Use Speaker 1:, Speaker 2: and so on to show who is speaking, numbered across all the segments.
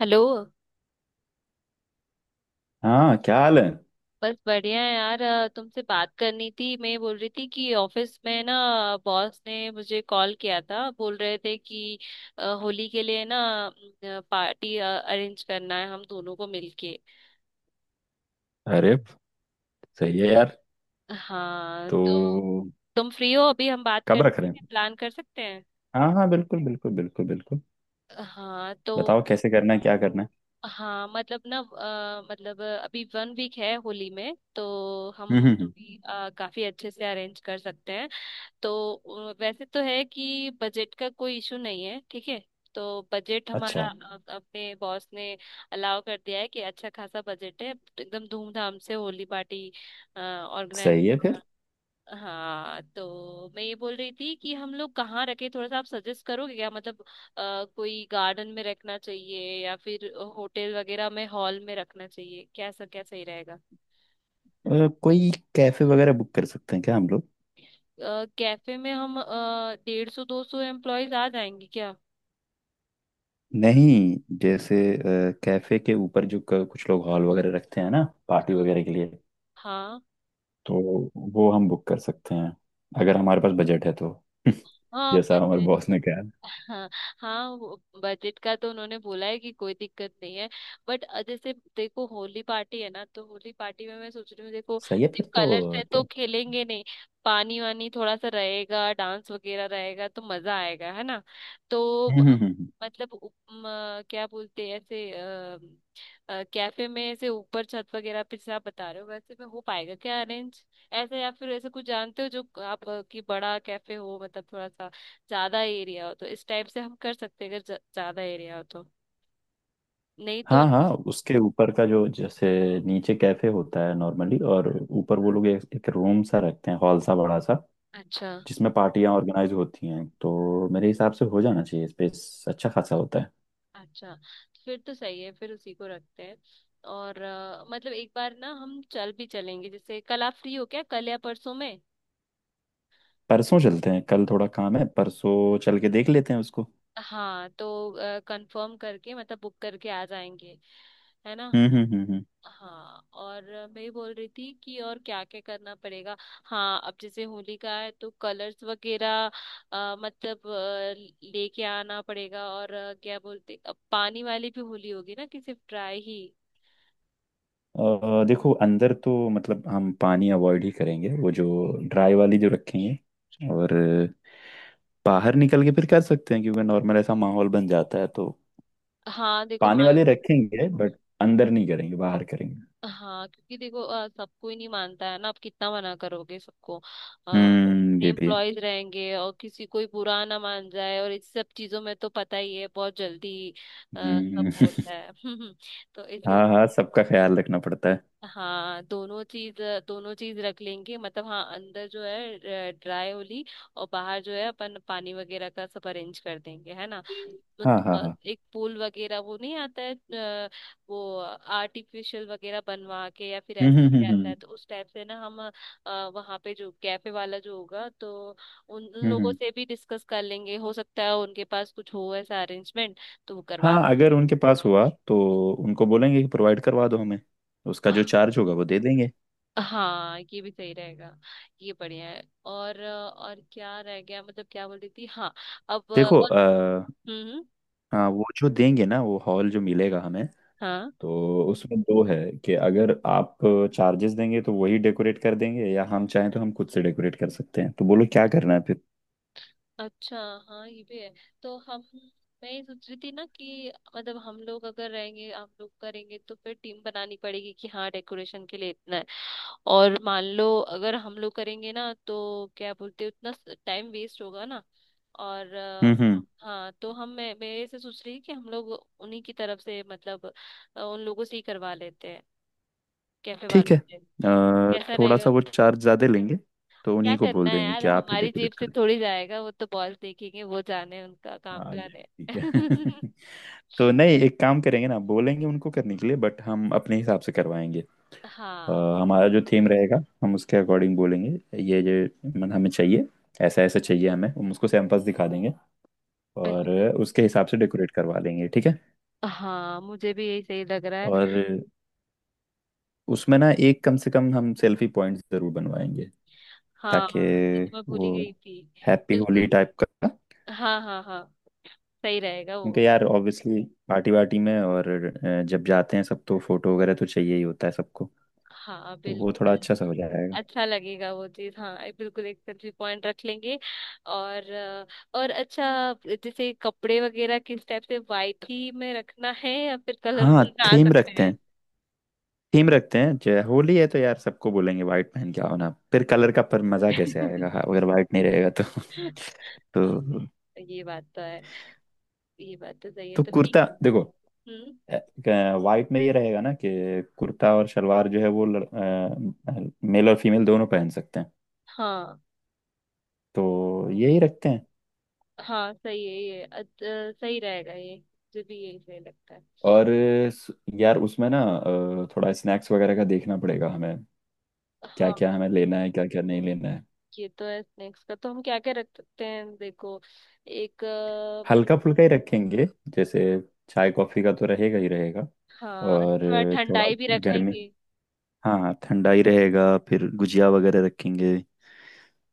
Speaker 1: Hello.
Speaker 2: हाँ, क्या हाल है?
Speaker 1: बस बढ़िया है यार, तुमसे बात करनी थी। मैं बोल रही थी कि ऑफिस में ना, बॉस ने मुझे कॉल किया था, बोल रहे थे कि होली के लिए ना पार्टी अरेंज करना है हम दोनों को मिलके।
Speaker 2: अरे, सही है यार।
Speaker 1: हाँ तो
Speaker 2: तो
Speaker 1: तुम फ्री हो अभी? हम बात कर,
Speaker 2: कब रख रहे हैं?
Speaker 1: प्लान कर सकते हैं।
Speaker 2: हाँ हाँ, बिल्कुल बिल्कुल बिल्कुल बिल्कुल।
Speaker 1: हाँ तो,
Speaker 2: बताओ, कैसे करना है, क्या करना है?
Speaker 1: हाँ मतलब ना, अभी 1 वीक है होली में तो हम
Speaker 2: हम्म।
Speaker 1: अभी, काफी अच्छे से अरेंज कर सकते हैं। तो वैसे तो है कि बजट का कोई इशू नहीं है, ठीक है। तो बजट हमारा,
Speaker 2: अच्छा,
Speaker 1: अपने बॉस ने अलाउ कर दिया है कि अच्छा खासा बजट है, तो एकदम धूमधाम से होली पार्टी ऑर्गेनाइज
Speaker 2: सही है
Speaker 1: करो।
Speaker 2: फिर।
Speaker 1: हाँ तो मैं ये बोल रही थी कि हम लोग कहाँ रखें, थोड़ा सा आप सजेस्ट करोगे क्या, मतलब कोई गार्डन में रखना चाहिए या फिर होटल वगैरह में हॉल में रखना चाहिए, कैसा, क्या सही रहेगा।
Speaker 2: कोई कैफे वगैरह बुक कर सकते हैं क्या हम लोग?
Speaker 1: कैफे में हम 150 200 एम्प्लॉयज आ जाएंगे क्या?
Speaker 2: नहीं, जैसे कैफे के ऊपर जो कुछ लोग हॉल वगैरह रखते हैं ना पार्टी वगैरह के लिए,
Speaker 1: हाँ,
Speaker 2: तो वो हम बुक कर सकते हैं अगर हमारे पास बजट है तो।
Speaker 1: हाँ,
Speaker 2: जैसा हमारे
Speaker 1: बजट।
Speaker 2: बॉस ने कहा।
Speaker 1: हाँ, हाँ, बजट का तो उन्होंने बोला है कि कोई दिक्कत नहीं है। बट जैसे देखो होली पार्टी है ना, तो होली पार्टी में मैं सोच रही हूँ, देखो
Speaker 2: सही है फिर
Speaker 1: सिर्फ
Speaker 2: तो
Speaker 1: कलर से
Speaker 2: क्या।
Speaker 1: तो खेलेंगे नहीं, पानी वानी थोड़ा सा रहेगा, डांस वगैरह रहेगा तो मजा आएगा, है ना। तो ब-
Speaker 2: हम्म।
Speaker 1: क्या बोलते हैं ऐसे, कैफे में ऐसे ऊपर छत वगैरह पे जैसे आप बता रहे हो वैसे में हो पाएगा क्या अरेंज ऐसे, या फिर ऐसे कुछ जानते हो जो आप कि बड़ा कैफे हो, मतलब थोड़ा सा ज्यादा एरिया हो, तो इस टाइप से हम कर सकते हैं, अगर ज्यादा एरिया हो तो, नहीं तो।
Speaker 2: हाँ हाँ, उसके ऊपर का जो जैसे नीचे कैफे होता है नॉर्मली, और ऊपर वो लोग एक रूम सा रखते हैं, हॉल सा बड़ा सा,
Speaker 1: अच्छा,
Speaker 2: जिसमें पार्टियां ऑर्गेनाइज होती हैं। तो मेरे हिसाब से हो जाना चाहिए, स्पेस अच्छा खासा होता है।
Speaker 1: अच्छा, फिर तो सही है, फिर उसी को रखते हैं। और मतलब एक बार ना हम चल भी चलेंगे, जैसे कल आप फ्री हो क्या, कल या परसों में।
Speaker 2: परसों चलते हैं, कल थोड़ा काम है, परसों चल के देख लेते हैं उसको।
Speaker 1: हाँ तो कंफर्म करके, मतलब बुक करके आ जाएंगे, है ना।
Speaker 2: हम्म हम्म हम्म हम्म।
Speaker 1: हाँ, और मैं ये बोल रही थी कि और क्या क्या करना पड़ेगा। हाँ अब जैसे होली का है तो कलर्स वगैरह अ, मतलब अ, लेके आना पड़ेगा, और क्या बोलते, अब पानी वाली भी होली होगी ना, कि सिर्फ ड्राई ही।
Speaker 2: देखो, अंदर तो मतलब हम पानी अवॉइड ही करेंगे, वो जो ड्राई वाली जो रखेंगे, और बाहर निकल के फिर कर सकते हैं, क्योंकि नॉर्मल ऐसा माहौल बन जाता है तो
Speaker 1: हाँ देखो,
Speaker 2: पानी
Speaker 1: मान
Speaker 2: वाले
Speaker 1: लो,
Speaker 2: रखेंगे, बट अंदर नहीं करेंगे, बाहर करेंगे।
Speaker 1: हाँ क्योंकि देखो सबको ही नहीं मानता है ना, आप कितना मना करोगे, सबको,
Speaker 2: हम्म,
Speaker 1: इतने
Speaker 2: ये भी है।
Speaker 1: एम्प्लॉयज रहेंगे और किसी कोई बुरा ना मान जाए, और इस सब चीजों में तो पता ही है बहुत जल्दी सब
Speaker 2: हम्म।
Speaker 1: होता है तो इसीलिए
Speaker 2: हाँ हाँ, सबका ख्याल रखना पड़ता है।
Speaker 1: हाँ, दोनों चीज, दोनों चीज रख लेंगे, मतलब हाँ, अंदर जो है ड्राई होली, और बाहर जो है अपन पानी वगैरह का सब अरेंज कर देंगे, है ना।
Speaker 2: हाँ हाँ हाँ।
Speaker 1: एक पूल वगैरह वो नहीं आता है अ, वो आर्टिफिशियल वगैरह बनवा के या फिर
Speaker 2: हम्म
Speaker 1: ऐसे
Speaker 2: हम्म
Speaker 1: ही
Speaker 2: हम्म
Speaker 1: आता है,
Speaker 2: हम्म
Speaker 1: तो उस टाइप से ना हम वहाँ पे जो कैफे वाला जो होगा, तो उन उन
Speaker 2: हम्म, हम्म।
Speaker 1: लोगों से भी डिस्कस कर लेंगे, हो सकता है उनके पास कुछ हो ऐसा अरेंजमेंट तो वो करवा
Speaker 2: हाँ, अगर
Speaker 1: सकें।
Speaker 2: उनके पास हुआ तो उनको बोलेंगे कि प्रोवाइड करवा दो हमें, उसका जो चार्ज होगा वो दे देंगे।
Speaker 1: हाँ, ये भी सही रहेगा। ये बढ़िया है। और और क्या रह गया, मतलब क्या बोल रही थी, हाँ। अब
Speaker 2: देखो
Speaker 1: और हम्म,
Speaker 2: हाँ, वो जो देंगे ना, वो हॉल जो मिलेगा हमें,
Speaker 1: हाँ
Speaker 2: तो उसमें दो है कि अगर आप चार्जेस देंगे तो वही डेकोरेट कर देंगे, या हम चाहें तो हम खुद से डेकोरेट कर सकते हैं। तो बोलो क्या करना है फिर।
Speaker 1: अच्छा, हाँ ये भी है। तो हम, मैं ये सोच रही थी ना कि मतलब हम लोग अगर रहेंगे, हम लोग करेंगे तो फिर टीम बनानी पड़ेगी कि हाँ डेकोरेशन के लिए इतना है। और मान लो अगर हम लोग करेंगे ना तो क्या बोलते हैं, उतना टाइम वेस्ट होगा ना। और
Speaker 2: हम्म,
Speaker 1: हाँ तो हम मैं मेरे से सोच रही कि हम लोग उन्हीं की तरफ से, मतलब उन लोगों से ही करवा लेते हैं, कैफे
Speaker 2: ठीक
Speaker 1: वालों
Speaker 2: है।
Speaker 1: से। कैसा
Speaker 2: थोड़ा
Speaker 1: रहेगा?
Speaker 2: सा वो चार्ज ज्यादा लेंगे, तो
Speaker 1: क्या
Speaker 2: उन्हीं को
Speaker 1: करना
Speaker 2: बोल
Speaker 1: है
Speaker 2: देंगे
Speaker 1: यार,
Speaker 2: कि आप ही
Speaker 1: हमारी जेब
Speaker 2: डेकोरेट
Speaker 1: से
Speaker 2: करें।
Speaker 1: थोड़ी जाएगा, वो तो बॉस देखेंगे, वो जाने उनका काम
Speaker 2: हाँ, ये
Speaker 1: जाने
Speaker 2: भी ठीक है। तो नहीं, एक काम करेंगे ना, बोलेंगे उनको करने के लिए बट हम अपने हिसाब से करवाएंगे। अ,
Speaker 1: हाँ
Speaker 2: हमारा जो थीम रहेगा हम उसके अकॉर्डिंग बोलेंगे, ये मन हमें चाहिए, ऐसा ऐसा चाहिए हमें, हम उसको सैंपल्स दिखा देंगे, और
Speaker 1: बिल्कुल।
Speaker 2: उसके हिसाब से डेकोरेट करवा लेंगे, ठीक है।
Speaker 1: हाँ मुझे भी यही सही लग रहा है।
Speaker 2: और उसमें ना एक कम से कम हम सेल्फी पॉइंट जरूर बनवाएंगे, ताकि
Speaker 1: हाँ ये तो मैं भूल
Speaker 2: वो
Speaker 1: ही गई थी।
Speaker 2: हैप्पी होली
Speaker 1: बिल्कुल,
Speaker 2: टाइप का।
Speaker 1: हाँ, हाँ, हाँ, सही रहेगा वो।
Speaker 2: क्योंकि यार ऑब्वियसली पार्टी वार्टी में और जब जाते हैं सब, तो फोटो वगैरह तो चाहिए ही होता है सबको,
Speaker 1: हाँ
Speaker 2: तो वो थोड़ा
Speaker 1: बिल्कुल।
Speaker 2: अच्छा सा हो जाएगा।
Speaker 1: अच्छा लगेगा वो चीज, हाँ, बिल्कुल एक सेल्फी पॉइंट रख लेंगे। और और अच्छा, जैसे कपड़े वगैरह किस टाइप से, वाइट ही में रखना है या फिर
Speaker 2: हाँ,
Speaker 1: कलरफुल में आ
Speaker 2: थीम
Speaker 1: सकते
Speaker 2: रखते
Speaker 1: हैं।
Speaker 2: हैं। थीम रखते हैं जय होली है, तो यार सबको बोलेंगे व्हाइट पहन के आओ ना, फिर कलर का पर मजा कैसे आएगा, हाँ, अगर व्हाइट नहीं रहेगा तो। तो
Speaker 1: ये बात तो है। ये बात तो सही है,
Speaker 2: तो
Speaker 1: तो
Speaker 2: कुर्ता
Speaker 1: ठीक है
Speaker 2: देखो,
Speaker 1: फिर। हम्म।
Speaker 2: व्हाइट में ये रहेगा ना कि कुर्ता और शलवार जो है वो मेल और फीमेल दोनों पहन सकते हैं,
Speaker 1: हाँ,
Speaker 2: तो यही रखते हैं।
Speaker 1: हाँ सही है ये, सही रहेगा ये, मुझे भी यही सही लगता है।
Speaker 2: और स- यार उसमें ना थोड़ा स्नैक्स वगैरह का देखना पड़ेगा हमें, क्या
Speaker 1: हाँ
Speaker 2: क्या हमें लेना है, क्या क्या नहीं लेना है।
Speaker 1: ये तो है, स्नैक्स का तो हम क्या क्या रख सकते हैं देखो, एक।
Speaker 2: हल्का फुल्का ही रखेंगे, जैसे चाय कॉफी का तो रहेगा ही रहेगा,
Speaker 1: हाँ
Speaker 2: और
Speaker 1: थोड़ा
Speaker 2: थोड़ा
Speaker 1: ठंडाई भी रख
Speaker 2: गर्मी।
Speaker 1: लेंगे।
Speaker 2: हाँ हाँ, ठंडा ही रहेगा, फिर गुजिया वगैरह रखेंगे,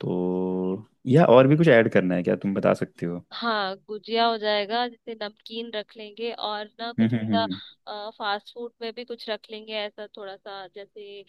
Speaker 2: तो या और भी कुछ ऐड करना है क्या तुम बता सकते हो?
Speaker 1: हाँ गुजिया हो जाएगा, जैसे नमकीन रख लेंगे, और ना
Speaker 2: हम्म
Speaker 1: कुछ
Speaker 2: हम्म हम्म
Speaker 1: ऐसा फास्ट फूड में भी कुछ रख लेंगे ऐसा थोड़ा सा, जैसे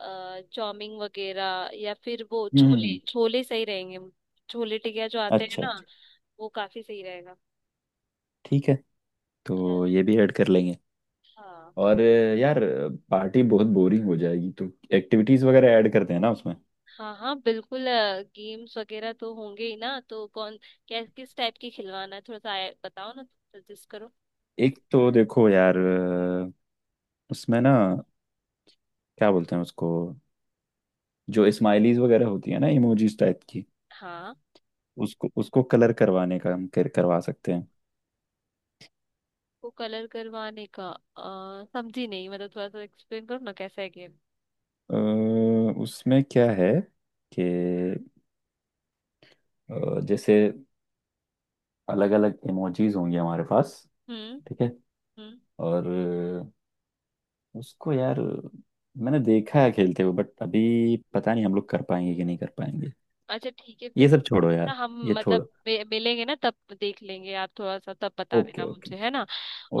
Speaker 1: चाउमीन वगैरह, या फिर वो छोले,
Speaker 2: हम्म।
Speaker 1: छोले सही रहेंगे, छोले टिकिया जो आते हैं
Speaker 2: अच्छा
Speaker 1: ना,
Speaker 2: अच्छा,
Speaker 1: वो काफी सही रहेगा।
Speaker 2: ठीक है,
Speaker 1: अ,
Speaker 2: तो ये भी ऐड कर लेंगे।
Speaker 1: हाँ।
Speaker 2: और यार पार्टी बहुत बोरिंग हो जाएगी, तो एक्टिविटीज वगैरह ऐड करते हैं ना उसमें।
Speaker 1: हाँ, हाँ बिल्कुल, गेम्स वगैरह तो होंगे ही ना। तो कौन, क्या, किस टाइप की खिलवाना है, थोड़ा सा बताओ ना, सजेस्ट करो।
Speaker 2: एक तो देखो यार, उसमें ना, क्या बोलते हैं उसको, जो स्माइलीज वगैरह होती है ना, इमोजीज टाइप की,
Speaker 1: हाँ
Speaker 2: उसको उसको कलर करवाने का हम करवा सकते हैं।
Speaker 1: को कलर करवाने का? आ, समझी नहीं, मतलब थोड़ा सा एक्सप्लेन करो ना, कैसा है गेम।
Speaker 2: उसमें क्या है कि जैसे अलग अलग इमोजीज होंगे हमारे पास,
Speaker 1: हम्म,
Speaker 2: ठीक है,
Speaker 1: हम्म।
Speaker 2: और उसको यार मैंने देखा है खेलते हुए, बट अभी पता नहीं हम लोग कर पाएंगे कि नहीं कर पाएंगे।
Speaker 1: अच्छा ठीक है
Speaker 2: ये
Speaker 1: फिर,
Speaker 2: सब छोड़ो
Speaker 1: ना
Speaker 2: यार,
Speaker 1: हम
Speaker 2: ये
Speaker 1: मतलब
Speaker 2: छोड़ो।
Speaker 1: मिलेंगे ना तब देख लेंगे, आप थोड़ा सा तब बता
Speaker 2: ओके
Speaker 1: देना
Speaker 2: ओके।
Speaker 1: मुझे, है ना।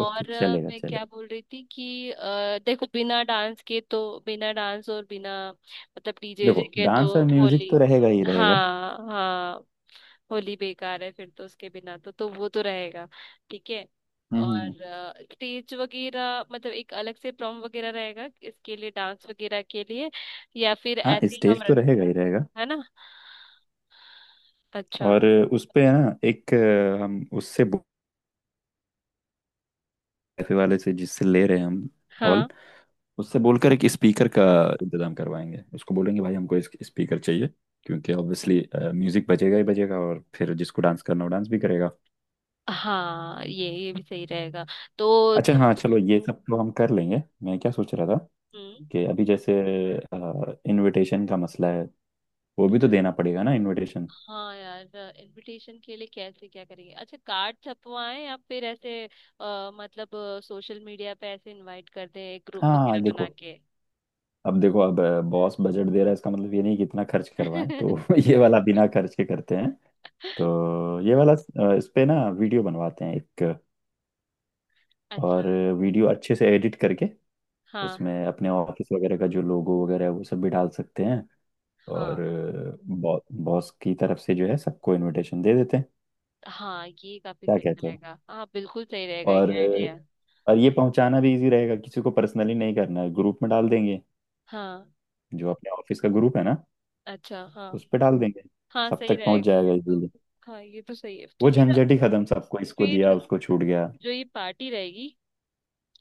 Speaker 2: ओके, चलेगा
Speaker 1: मैं क्या
Speaker 2: चलेगा।
Speaker 1: बोल रही थी कि देखो बिना डांस के तो, बिना डांस और बिना मतलब डीजे
Speaker 2: देखो,
Speaker 1: के
Speaker 2: डांस
Speaker 1: तो
Speaker 2: और म्यूजिक
Speaker 1: होली,
Speaker 2: तो रहेगा ही रहेगा।
Speaker 1: हाँ, हाँ, होली बेकार है फिर तो, उसके बिना तो, तो वो तो रहेगा। ठीक है।
Speaker 2: हम्म हम्म,
Speaker 1: और
Speaker 2: हम्म।
Speaker 1: स्टेज वगैरह मतलब एक अलग से प्रॉम वगैरह रहेगा इसके लिए, डांस वगैरह के लिए, या फिर
Speaker 2: हाँ,
Speaker 1: ऐसे ही हम
Speaker 2: स्टेज तो
Speaker 1: रख,
Speaker 2: रहेगा ही रहेगा।
Speaker 1: है ना। अच्छा,
Speaker 2: और उस पे है ना एक हम उससे कैफे वाले से, जिससे ले रहे हैं हम हॉल,
Speaker 1: हाँ,
Speaker 2: उससे बोलकर एक स्पीकर का इंतजाम करवाएंगे, उसको बोलेंगे भाई हमको स्पीकर चाहिए, क्योंकि ऑब्वियसली म्यूजिक बजेगा ही बजेगा, और फिर जिसको डांस करना हो डांस भी करेगा।
Speaker 1: हाँ ये भी सही रहेगा। तो
Speaker 2: अच्छा
Speaker 1: तुम,
Speaker 2: हाँ चलो, ये सब तो हम कर लेंगे। मैं क्या सोच रहा था
Speaker 1: हम्म।
Speaker 2: कि अभी जैसे इनविटेशन का मसला है, वो भी तो देना पड़ेगा ना इनविटेशन।
Speaker 1: हाँ यार, इनविटेशन के लिए कैसे क्या करेंगे, अच्छा कार्ड छपवाएं या फिर ऐसे मतलब सोशल मीडिया पे ऐसे इनवाइट कर दें एक ग्रुप
Speaker 2: हाँ,
Speaker 1: वगैरह बना
Speaker 2: देखो
Speaker 1: के।
Speaker 2: अब देखो अब बॉस बजट दे रहा है इसका मतलब ये नहीं कि इतना खर्च करवाएं, तो ये वाला बिना खर्च के करते हैं। तो ये वाला इस पे ना वीडियो बनवाते हैं एक,
Speaker 1: अच्छा,
Speaker 2: और वीडियो अच्छे से एडिट करके
Speaker 1: हाँ,
Speaker 2: उसमें अपने ऑफिस वगैरह का जो लोगो वगैरह है वो सब भी डाल सकते हैं, और
Speaker 1: हाँ,
Speaker 2: बॉस बॉस की तरफ से जो है सबको इनविटेशन दे देते हैं।
Speaker 1: हाँ, ये काफी
Speaker 2: क्या
Speaker 1: सही
Speaker 2: कहते हो?
Speaker 1: रहेगा, हाँ बिल्कुल सही रहेगा
Speaker 2: और
Speaker 1: ये आइडिया।
Speaker 2: और ये पहुंचाना भी इजी रहेगा, किसी को पर्सनली नहीं करना है, ग्रुप में डाल देंगे,
Speaker 1: हाँ।
Speaker 2: जो अपने ऑफिस का ग्रुप है ना,
Speaker 1: अच्छा हाँ।
Speaker 2: उस पे डाल देंगे,
Speaker 1: हाँ
Speaker 2: सब
Speaker 1: सही
Speaker 2: तक पहुंच
Speaker 1: रहेगा
Speaker 2: जाएगा
Speaker 1: फिर तो।
Speaker 2: इजीली,
Speaker 1: हाँ ये तो सही है तो
Speaker 2: वो
Speaker 1: फिर।
Speaker 2: झंझट ही खत्म, सबको इसको दिया
Speaker 1: फिर
Speaker 2: उसको छूट गया।
Speaker 1: जो ये पार्टी रहेगी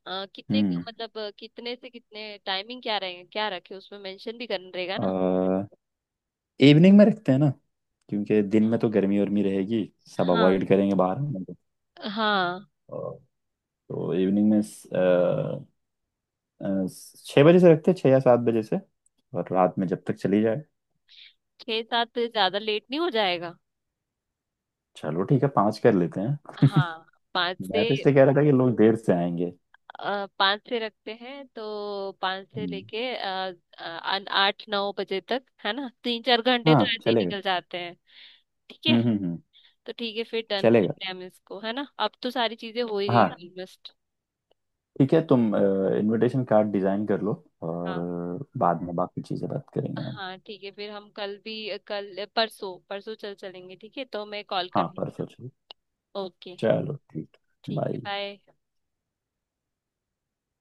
Speaker 1: कितने,
Speaker 2: हम्म।
Speaker 1: मतलब कितने से कितने टाइमिंग क्या रहेगा, क्या रखे उसमें मेंशन भी करना रहेगा
Speaker 2: आ,
Speaker 1: ना।
Speaker 2: इवनिंग में रखते हैं ना, क्योंकि दिन में तो गर्मी उर्मी रहेगी, सब
Speaker 1: हाँ।
Speaker 2: अवॉइड करेंगे बाहर आने को।
Speaker 1: हाँ।
Speaker 2: अ, तो इवनिंग में अ, छः बजे से रखते हैं, छः या सात बजे से, और रात में जब तक चली जाए।
Speaker 1: 6 7 से ज्यादा लेट नहीं हो जाएगा?
Speaker 2: चलो ठीक है, पाँच कर लेते हैं।
Speaker 1: हाँ। 5
Speaker 2: मैं तो
Speaker 1: से,
Speaker 2: इसलिए कह रहा था कि लोग देर से आएंगे।
Speaker 1: 5 से रखते हैं, तो 5 से
Speaker 2: हम्म,
Speaker 1: लेके 8 9 बजे तक, है ना, 3 4 घंटे
Speaker 2: हाँ,
Speaker 1: तो ऐसे ही
Speaker 2: चलेगा।
Speaker 1: निकल जाते हैं। ठीक है।
Speaker 2: हम्म।
Speaker 1: तो ठीक है फिर, डन
Speaker 2: चलेगा।
Speaker 1: करते हैं हम इसको, है ना, अब तो सारी चीजें हो ही गई
Speaker 2: हाँ
Speaker 1: ऑलमोस्ट।
Speaker 2: ठीक है, तुम इनविटेशन कार्ड डिजाइन कर लो, और
Speaker 1: हाँ।
Speaker 2: बाद में बाकी चीज़ें बात करेंगे हम।
Speaker 1: हाँ ठीक है फिर, हम कल भी, कल, परसों, परसों चल चलेंगे, ठीक है, तो मैं कॉल
Speaker 2: हाँ,
Speaker 1: करूँगी।
Speaker 2: परसों चलो।
Speaker 1: ओके,
Speaker 2: चलो ठीक।
Speaker 1: ठीक है,
Speaker 2: बाय।
Speaker 1: बाय।